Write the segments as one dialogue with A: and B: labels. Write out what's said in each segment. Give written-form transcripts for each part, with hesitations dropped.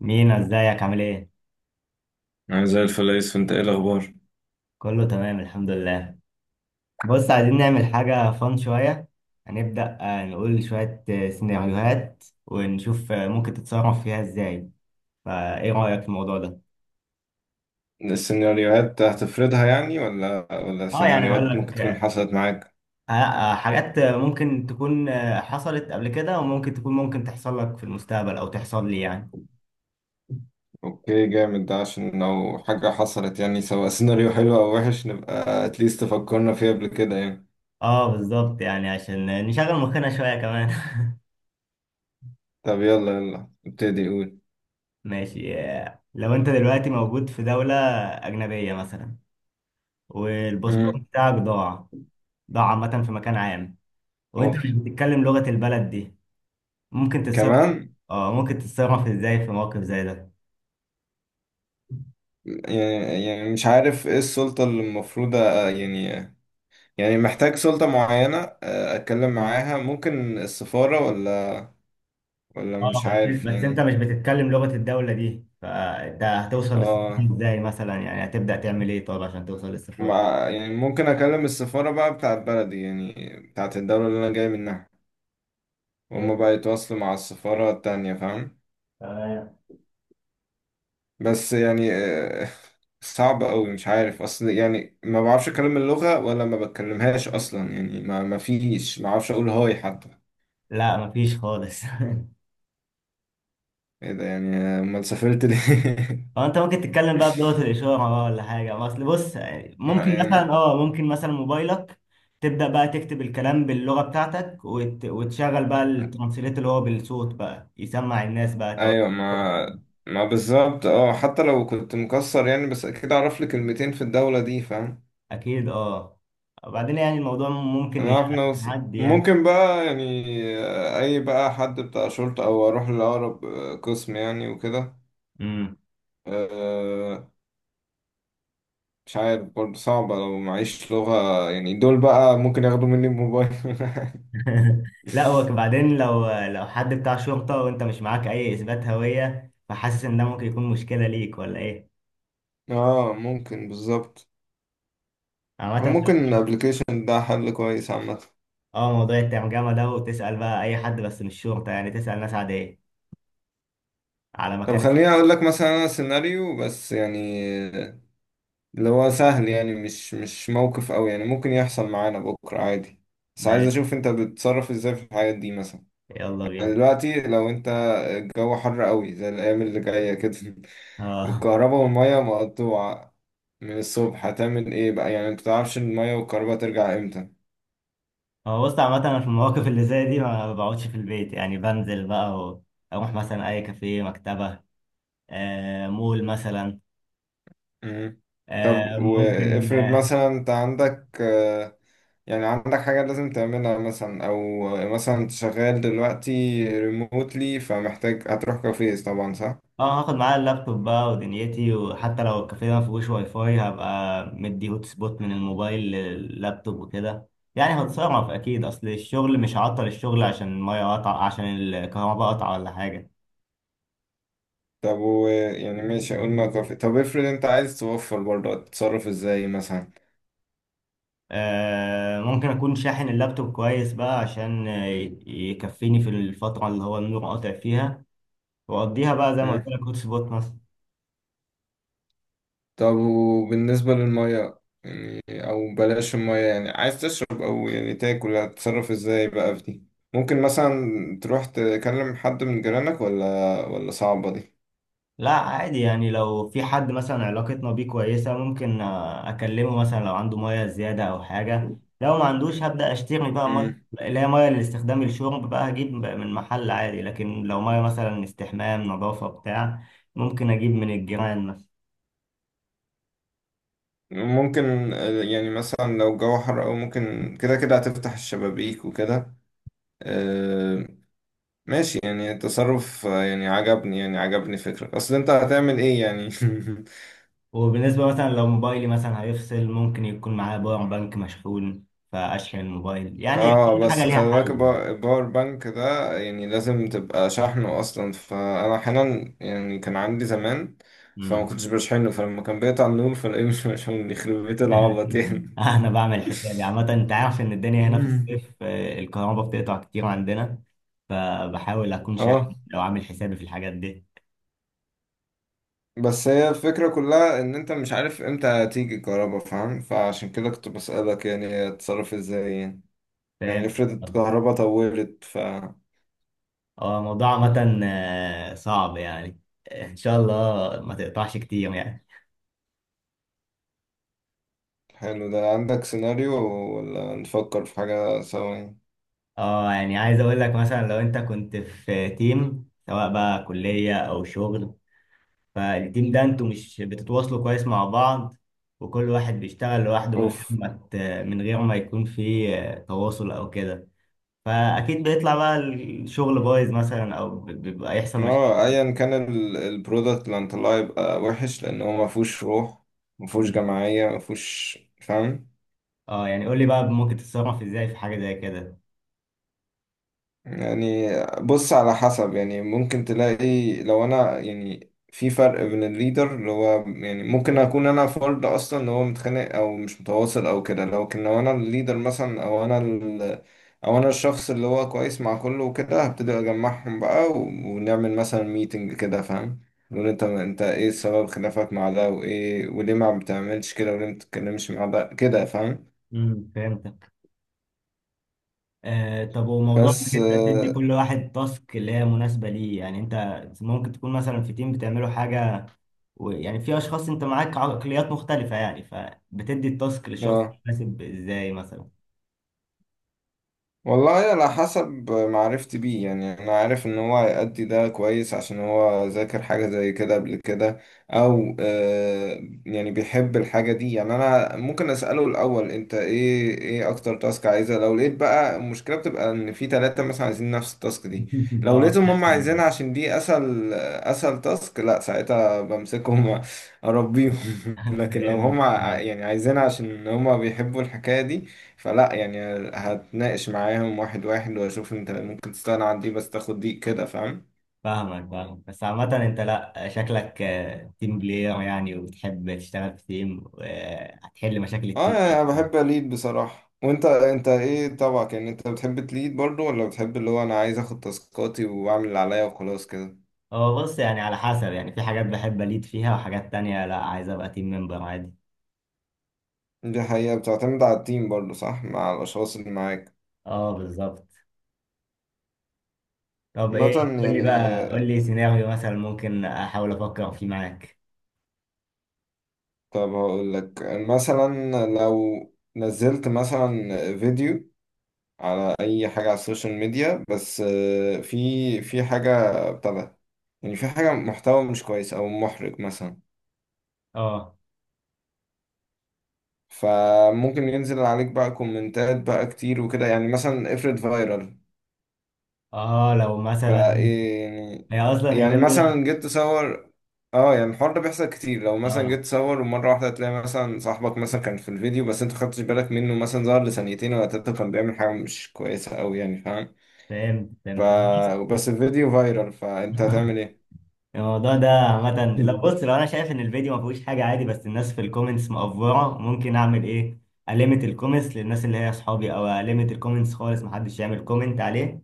A: مينا، ازيك عامل ايه؟
B: أنا زي الفل يا يوسف، أنت إيه الأخبار؟
A: كله تمام الحمد لله. بص، عايزين نعمل حاجة فان شوية. هنبدأ نقول شوية سيناريوهات، ونشوف ممكن تتصرف فيها ازاي. فايه رأيك في الموضوع ده؟
B: السيناريوهات هتفرضها يعني ولا
A: اه يعني اقول
B: سيناريوهات ممكن
A: لك
B: تكون حصلت معاك.
A: حاجات ممكن تكون حصلت قبل كده، وممكن تكون ممكن تحصل لك في المستقبل او تحصل لي يعني.
B: اوكي جامد، ده عشان لو حاجة حصلت يعني، سواء سيناريو حلو او وحش نبقى اتليست فكرنا فيها قبل كده يعني.
A: اه بالظبط، يعني عشان نشغل مخنا شوية كمان.
B: طب يلا يلا ابتدي قول.
A: ماشي، لو انت دلوقتي موجود في دولة أجنبية مثلا، والباسبور
B: مم.
A: بتاعك ضاع، ده عامة في مكان عام، وانت
B: اوف.
A: مش بتتكلم لغة البلد دي. ممكن تتصرف
B: كمان.
A: اه ممكن تتصرف ازاي في موقف زي ده؟
B: يعني مش عارف ايه السلطة اللي المفروض يعني يعني محتاج سلطة معينة، اتكلم معاها، ممكن السفارة ولا
A: اه
B: مش
A: بس
B: عارف
A: بس انت
B: يعني.
A: مش بتتكلم لغة الدولة دي، فانت هتوصل للسفارة
B: اه،
A: ازاي مثلا؟ يعني هتبدأ تعمل ايه طب عشان توصل للسفارة؟
B: مع يعني ممكن اكلم السفارة بقى بتاعت بلدي يعني، بتاعت الدولة اللي انا جاي منها، وهم
A: فاهم؟
B: بقى يتواصلوا مع السفارة التانية فاهم؟
A: تمام.
B: بس يعني صعب قوي، مش عارف اصل يعني ما بعرفش اكلم اللغة ولا ما بتكلمهاش اصلا يعني ما فيش، ما اعرفش اقول هاي حتى.
A: لا مفيش خالص.
B: ايه ده يعني؟ امال سافرت ليه؟
A: اه انت ممكن تتكلم بقى بلغة الإشارة بقى، ولا حاجة، ما اصل بص يعني،
B: لا، يعني
A: ممكن مثلا موبايلك تبدأ بقى تكتب الكلام باللغة بتاعتك، وتشغل بقى الترانسليت اللي هو بالصوت، بقى يسمع الناس، بقى تقعد.
B: ايوه، ما بالظبط. اه، حتى لو كنت مكسر يعني بس اكيد اعرف لي كلمتين في الدولة دي فاهم؟
A: أكيد اه. وبعدين يعني الموضوع ممكن
B: نعرف نوصل
A: يعدي يعني
B: ممكن بقى يعني. أي بقى حد بتاع شرطة، أو أروح لأقرب قسم يعني وكده.
A: امم
B: آه، مش عارف برضه، صعبة لو معيش لغة يعني، دول بقى ممكن ياخدوا مني الموبايل.
A: لا هو بعدين، لو حد بتاع شرطة وانت مش معاك أي إثبات هوية، فحاسس إن ده ممكن يكون مشكلة ليك، ولا إيه؟
B: اه، ممكن بالظبط.
A: عامة.
B: وممكن الابلكيشن ده حل كويس عامة.
A: اه موضوع الترجمة ده، وتسأل بقى أي حد، بس مش شرطة يعني، تسأل ناس عادية على
B: طب
A: مكان.
B: خليني اقول لك مثلا انا سيناريو بس يعني، آه، اللي هو سهل يعني، مش موقف قوي يعني، ممكن يحصل معانا بكرة عادي. بس عايز
A: ماشي،
B: اشوف انت بتتصرف ازاي في الحاجات دي مثلا.
A: يلا
B: يعني
A: بينا.
B: دلوقتي لو انت الجو حر قوي زي الايام اللي جايه كده
A: اه
B: والكهرباء والميه مقطوعه من الصبح، هتعمل ايه بقى؟ يعني انت متعرفش الميه والكهرباء ترجع امتى.
A: هو بص عامة، أنا في المواقف اللي زي دي ما بقعدش في البيت، يعني بنزل بقى أروح مثلا أي كافيه، مكتبة، مول مثلا،
B: مم.
A: آه
B: طب
A: ممكن
B: وافرض
A: آه،
B: مثلا انت عندك يعني عندك حاجه لازم تعملها مثلا، او مثلا انت شغال دلوقتي ريموتلي، فمحتاج هتروح كافيه طبعا، صح؟
A: اه هاخد معايا اللابتوب بقى ودنيتي، وحتى لو الكافيه ما فيهوش واي فاي، هبقى مدي هوت سبوت من الموبايل لللابتوب وكده. يعني هتصرف اكيد، اصل الشغل مش هعطل الشغل عشان الميه قطع، عشان الكهرباء قطع، ولا حاجه.
B: طب و يعني ماشي قلنا كافيه، طب افرض انت عايز توفر برضه، هتتصرف ازاي مثلا؟
A: ممكن اكون شاحن اللابتوب كويس بقى، عشان يكفيني في الفتره اللي هو النور قاطع فيها، واقضيها بقى زي ما قلت لك هوت سبوت مثلا.
B: طب وبالنسبة للمية يعني، أو بلاش المية يعني، عايز تشرب أو يعني تاكل، هتتصرف ازاي بقى في دي؟ ممكن مثلا تروح تكلم حد من جيرانك، ولا صعبة دي.
A: لا عادي يعني، لو في حد مثلا علاقتنا بيه كويسة، ممكن أكلمه مثلا لو عنده مية زيادة أو حاجة، لو ما عندوش هبدأ أشتري بقى مية،
B: مم.
A: اللي هي مية لاستخدام الشرب بقى، هجيب من محل عادي. لكن لو مية مثلا استحمام، نظافة، بتاع، ممكن أجيب من الجيران مثلا.
B: ممكن يعني مثلا لو الجو حر، أو ممكن كده كده هتفتح الشبابيك وكده. آه، ماشي، يعني التصرف يعني عجبني، يعني عجبني فكرة أصل أنت هتعمل إيه يعني.
A: وبالنسبة مثلا لو موبايلي مثلا هيفصل، ممكن يكون معايا باور بانك مشحون فأشحن الموبايل، يعني كل
B: اه،
A: حاجة
B: بس
A: ليها
B: خلي بالك،
A: حل.
B: الباور بانك ده يعني لازم تبقى شحنه اصلا، فانا احيانا يعني كان عندي زمان فما كنتش بشحنه، فلما كان بيقطع النور فلاقيه مش مشحون، يخرب بيت العبط يعني.
A: انا بعمل حسابي عامة، انت عارف ان الدنيا هنا في
B: مم.
A: الصيف الكهرباء بتقطع كتير عندنا، فبحاول اكون
B: اه،
A: شاحن، لو عامل حسابي في الحاجات دي.
B: بس هي الفكرة كلها ان انت مش عارف امتى هتيجي الكهرباء فاهم؟ فعشان كده كنت بسألك، يعني هتتصرف ازاي يعني.
A: فاهم.
B: يعني افرض الكهرباء طولت
A: هو الموضوع عامة صعب يعني. ان شاء الله ما تقطعش كتير يعني.
B: حلو، ده عندك سيناريو ولا نفكر في حاجة سوا يعني؟
A: اه يعني عايز اقول لك مثلا، لو انت كنت في تيم سواء بقى كلية او شغل، فالتيم ده انتوا مش بتتواصلوا كويس مع بعض، وكل واحد بيشتغل لوحده،
B: اوف.
A: من غير ما يكون في تواصل او كده، فاكيد بيطلع بقى الشغل بايظ مثلا، او بيبقى يحصل مشاكل.
B: اه، ايا كان البرودكت اللي هنطلعه يبقى وحش، لان هو ما فيهوش روح، ما فيهوش
A: مم.
B: جماعيه، ما فيهوش فاهم.
A: اه يعني قول لي بقى، ممكن تتصرف ازاي في حاجة زي كده.
B: يعني بص على حسب يعني، ممكن تلاقي لو انا يعني في فرق بين الليدر اللي هو يعني ممكن اكون انا فرد اصلا اللي هو متخانق او مش متواصل او كده، لكن لو انا الليدر مثلا او انا او انا الشخص اللي هو كويس مع كله وكده، هبتدي اجمعهم بقى ونعمل مثلا ميتنج كده فاهم؟ نقول انت ايه سبب خلافك مع ده، وايه وليه ما بتعملش كده، وليه ما بتتكلمش مع ده كده فاهم؟
A: مم. فهمت. آه طب، وموضوع انك
B: بس
A: انت تدي
B: اه.
A: كل واحد تاسك اللي هي مناسبة ليه، يعني انت ممكن تكون مثلا في تيم بتعملوا حاجة، ويعني في اشخاص انت معاك عقليات مختلفة يعني، فبتدي التاسك للشخص
B: آه.
A: المناسب ازاي مثلا؟
B: والله على حسب معرفتي بيه يعني، انا عارف ان هو هيأدي ده كويس عشان هو ذاكر حاجة زي كده قبل كده، او يعني بيحب الحاجة دي يعني. انا ممكن اسأله الاول: انت ايه اكتر تاسك عايزها؟ لو لقيت بقى المشكلة بتبقى ان في ثلاثة مثلا عايزين نفس التاسك دي، لو
A: اه
B: لقيتهم هم عايزينها
A: بتحسن.
B: عشان دي اسهل، اسهل تاسك، لا ساعتها بمسكهم اربيهم. لكن لو هم
A: فاهم.
B: يعني عايزينها عشان هم بيحبوا الحكاية دي، فلا يعني، هتناقش معاهم واحد واحد، واشوف انت ممكن تستغنى عن دي بس تاخد دي كده فاهم؟
A: فاهمك فاهمك، بس عامة انت لا، شكلك تيم بلاير يعني، وبتحب تشتغل في تيم، وهتحل مشاكل
B: اه،
A: التيم.
B: يعني انا بحب اليد بصراحة. وانت، انت ايه طبعك؟ يعني انت بتحب تليد برضو، ولا بتحب اللي هو انا عايز اخد تاسكاتي واعمل اللي عليا وخلاص كده؟
A: هو بص يعني، على حسب، يعني في حاجات بحب أليد فيها، وحاجات تانية لا، عايز أبقى تيم ممبر عادي.
B: دي حقيقة بتعتمد على التيم برضو، صح؟ مع الاشخاص اللي معاك.
A: اه بالظبط. طب ايه،
B: مثلا
A: قول لي
B: يعني،
A: بقى قول لي سيناريو مثلا ممكن احاول افكر فيه معاك.
B: طب هقول لك مثلا، لو نزلت مثلا فيديو على اي حاجه على السوشيال ميديا، بس في حاجه ابتدى، يعني في حاجه محتوى مش كويس او محرج مثلا،
A: اه
B: فممكن ينزل عليك بقى كومنتات بقى كتير وكده، يعني مثلا افرض فايرال.
A: اه لو مثلا،
B: يعني،
A: هي اصلا
B: يعني
A: اليومين دول،
B: مثلا جيت تصور. اه، يعني الحوار ده بيحصل كتير، لو مثلا جيت
A: اه
B: تصور ومره واحده تلاقي مثلا صاحبك مثلا كان في الفيديو، بس انت خدتش بالك منه، مثلا ظهر لثانيتين ولا تلاته كان بيعمل حاجه مش كويسه قوي يعني فاهم؟
A: فهمت
B: ف
A: فهمت.
B: بس الفيديو فايرال، فانت هتعمل ايه؟
A: الموضوع ده عامة، لو بص، لو انا شايف ان الفيديو ما فيهوش حاجة عادي، بس الناس في الكومنتس مقفورة، ممكن اعمل ايه؟ أليمت الكومنتس للناس اللي هي اصحابي، او أليمت الكومنتس خالص، محدش يعمل كومنت عليه.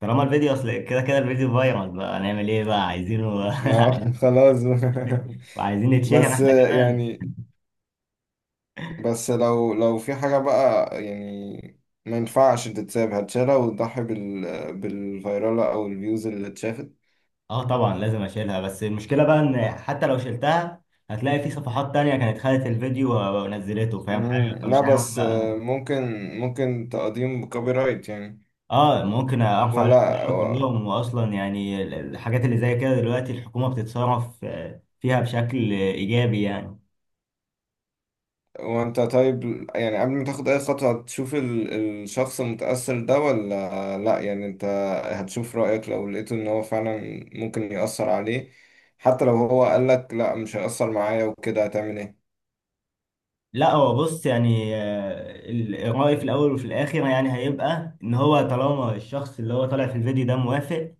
A: طالما الفيديو اصل كده كده الفيديو فايرال بقى، هنعمل ايه بقى، عايزينه.
B: اه خلاص بقى.
A: وعايزين نتشهر
B: بس
A: احنا كمان.
B: يعني، بس لو في حاجة بقى يعني ما ينفعش تتساب، هتشالها وتضحي بالفيرالة أو الفيوز اللي اتشافت.
A: اه طبعا لازم اشيلها، بس المشكله بقى ان حتى لو شلتها، هتلاقي في صفحات تانية كانت خدت الفيديو ونزلته، فاهم حاجه،
B: مم. لا
A: فمش عارف
B: بس
A: بقى.
B: ممكن ممكن تقديم كوبي رايت يعني.
A: اه ممكن ارفع عليهم
B: ولا.
A: القضية كلهم، واصلا يعني الحاجات اللي زي كده دلوقتي الحكومه بتتصرف فيها بشكل ايجابي يعني.
B: وانت طيب يعني، قبل ما تاخد اي خطوة هتشوف الشخص المتأثر ده ولا لا؟ يعني انت هتشوف رأيك، لو لقيته ان هو فعلا ممكن يأثر عليه، حتى لو هو قالك لا مش هيأثر معايا وكده، هتعمل ايه؟
A: لا هو بص يعني، الرأي في الاول وفي الاخر يعني هيبقى ان هو طالما الشخص اللي هو طالع في الفيديو ده موافق،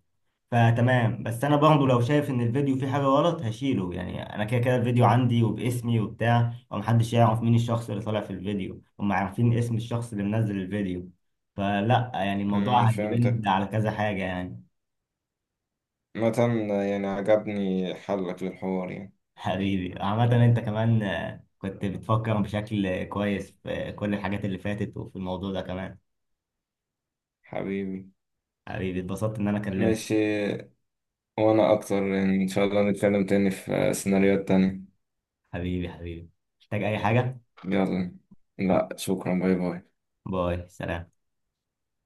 A: فتمام. بس انا برضه لو شايف ان الفيديو فيه حاجه غلط هشيله، يعني انا كده كده الفيديو عندي وباسمي وبتاع، ومحدش يعرف مين الشخص اللي طالع في الفيديو، هم عارفين اسم الشخص اللي منزل الفيديو. فلا يعني، الموضوع هيدبند
B: فهمتك.
A: على كذا حاجه يعني.
B: مثلا يعني عجبني حلك للحوار يعني.
A: حبيبي عامه، انت كمان كنت بتفكر بشكل كويس في كل الحاجات اللي فاتت، وفي الموضوع ده كمان.
B: حبيبي.
A: حبيبي، اتبسطت ان انا كلمتك.
B: ماشي. وانا اكتر يعني، ان شاء الله نتكلم تاني في سيناريوهات تانية.
A: حبيبي حبيبي، محتاج اي حاجه؟
B: يلا. لا شكرا، باي باي.
A: باي سلام.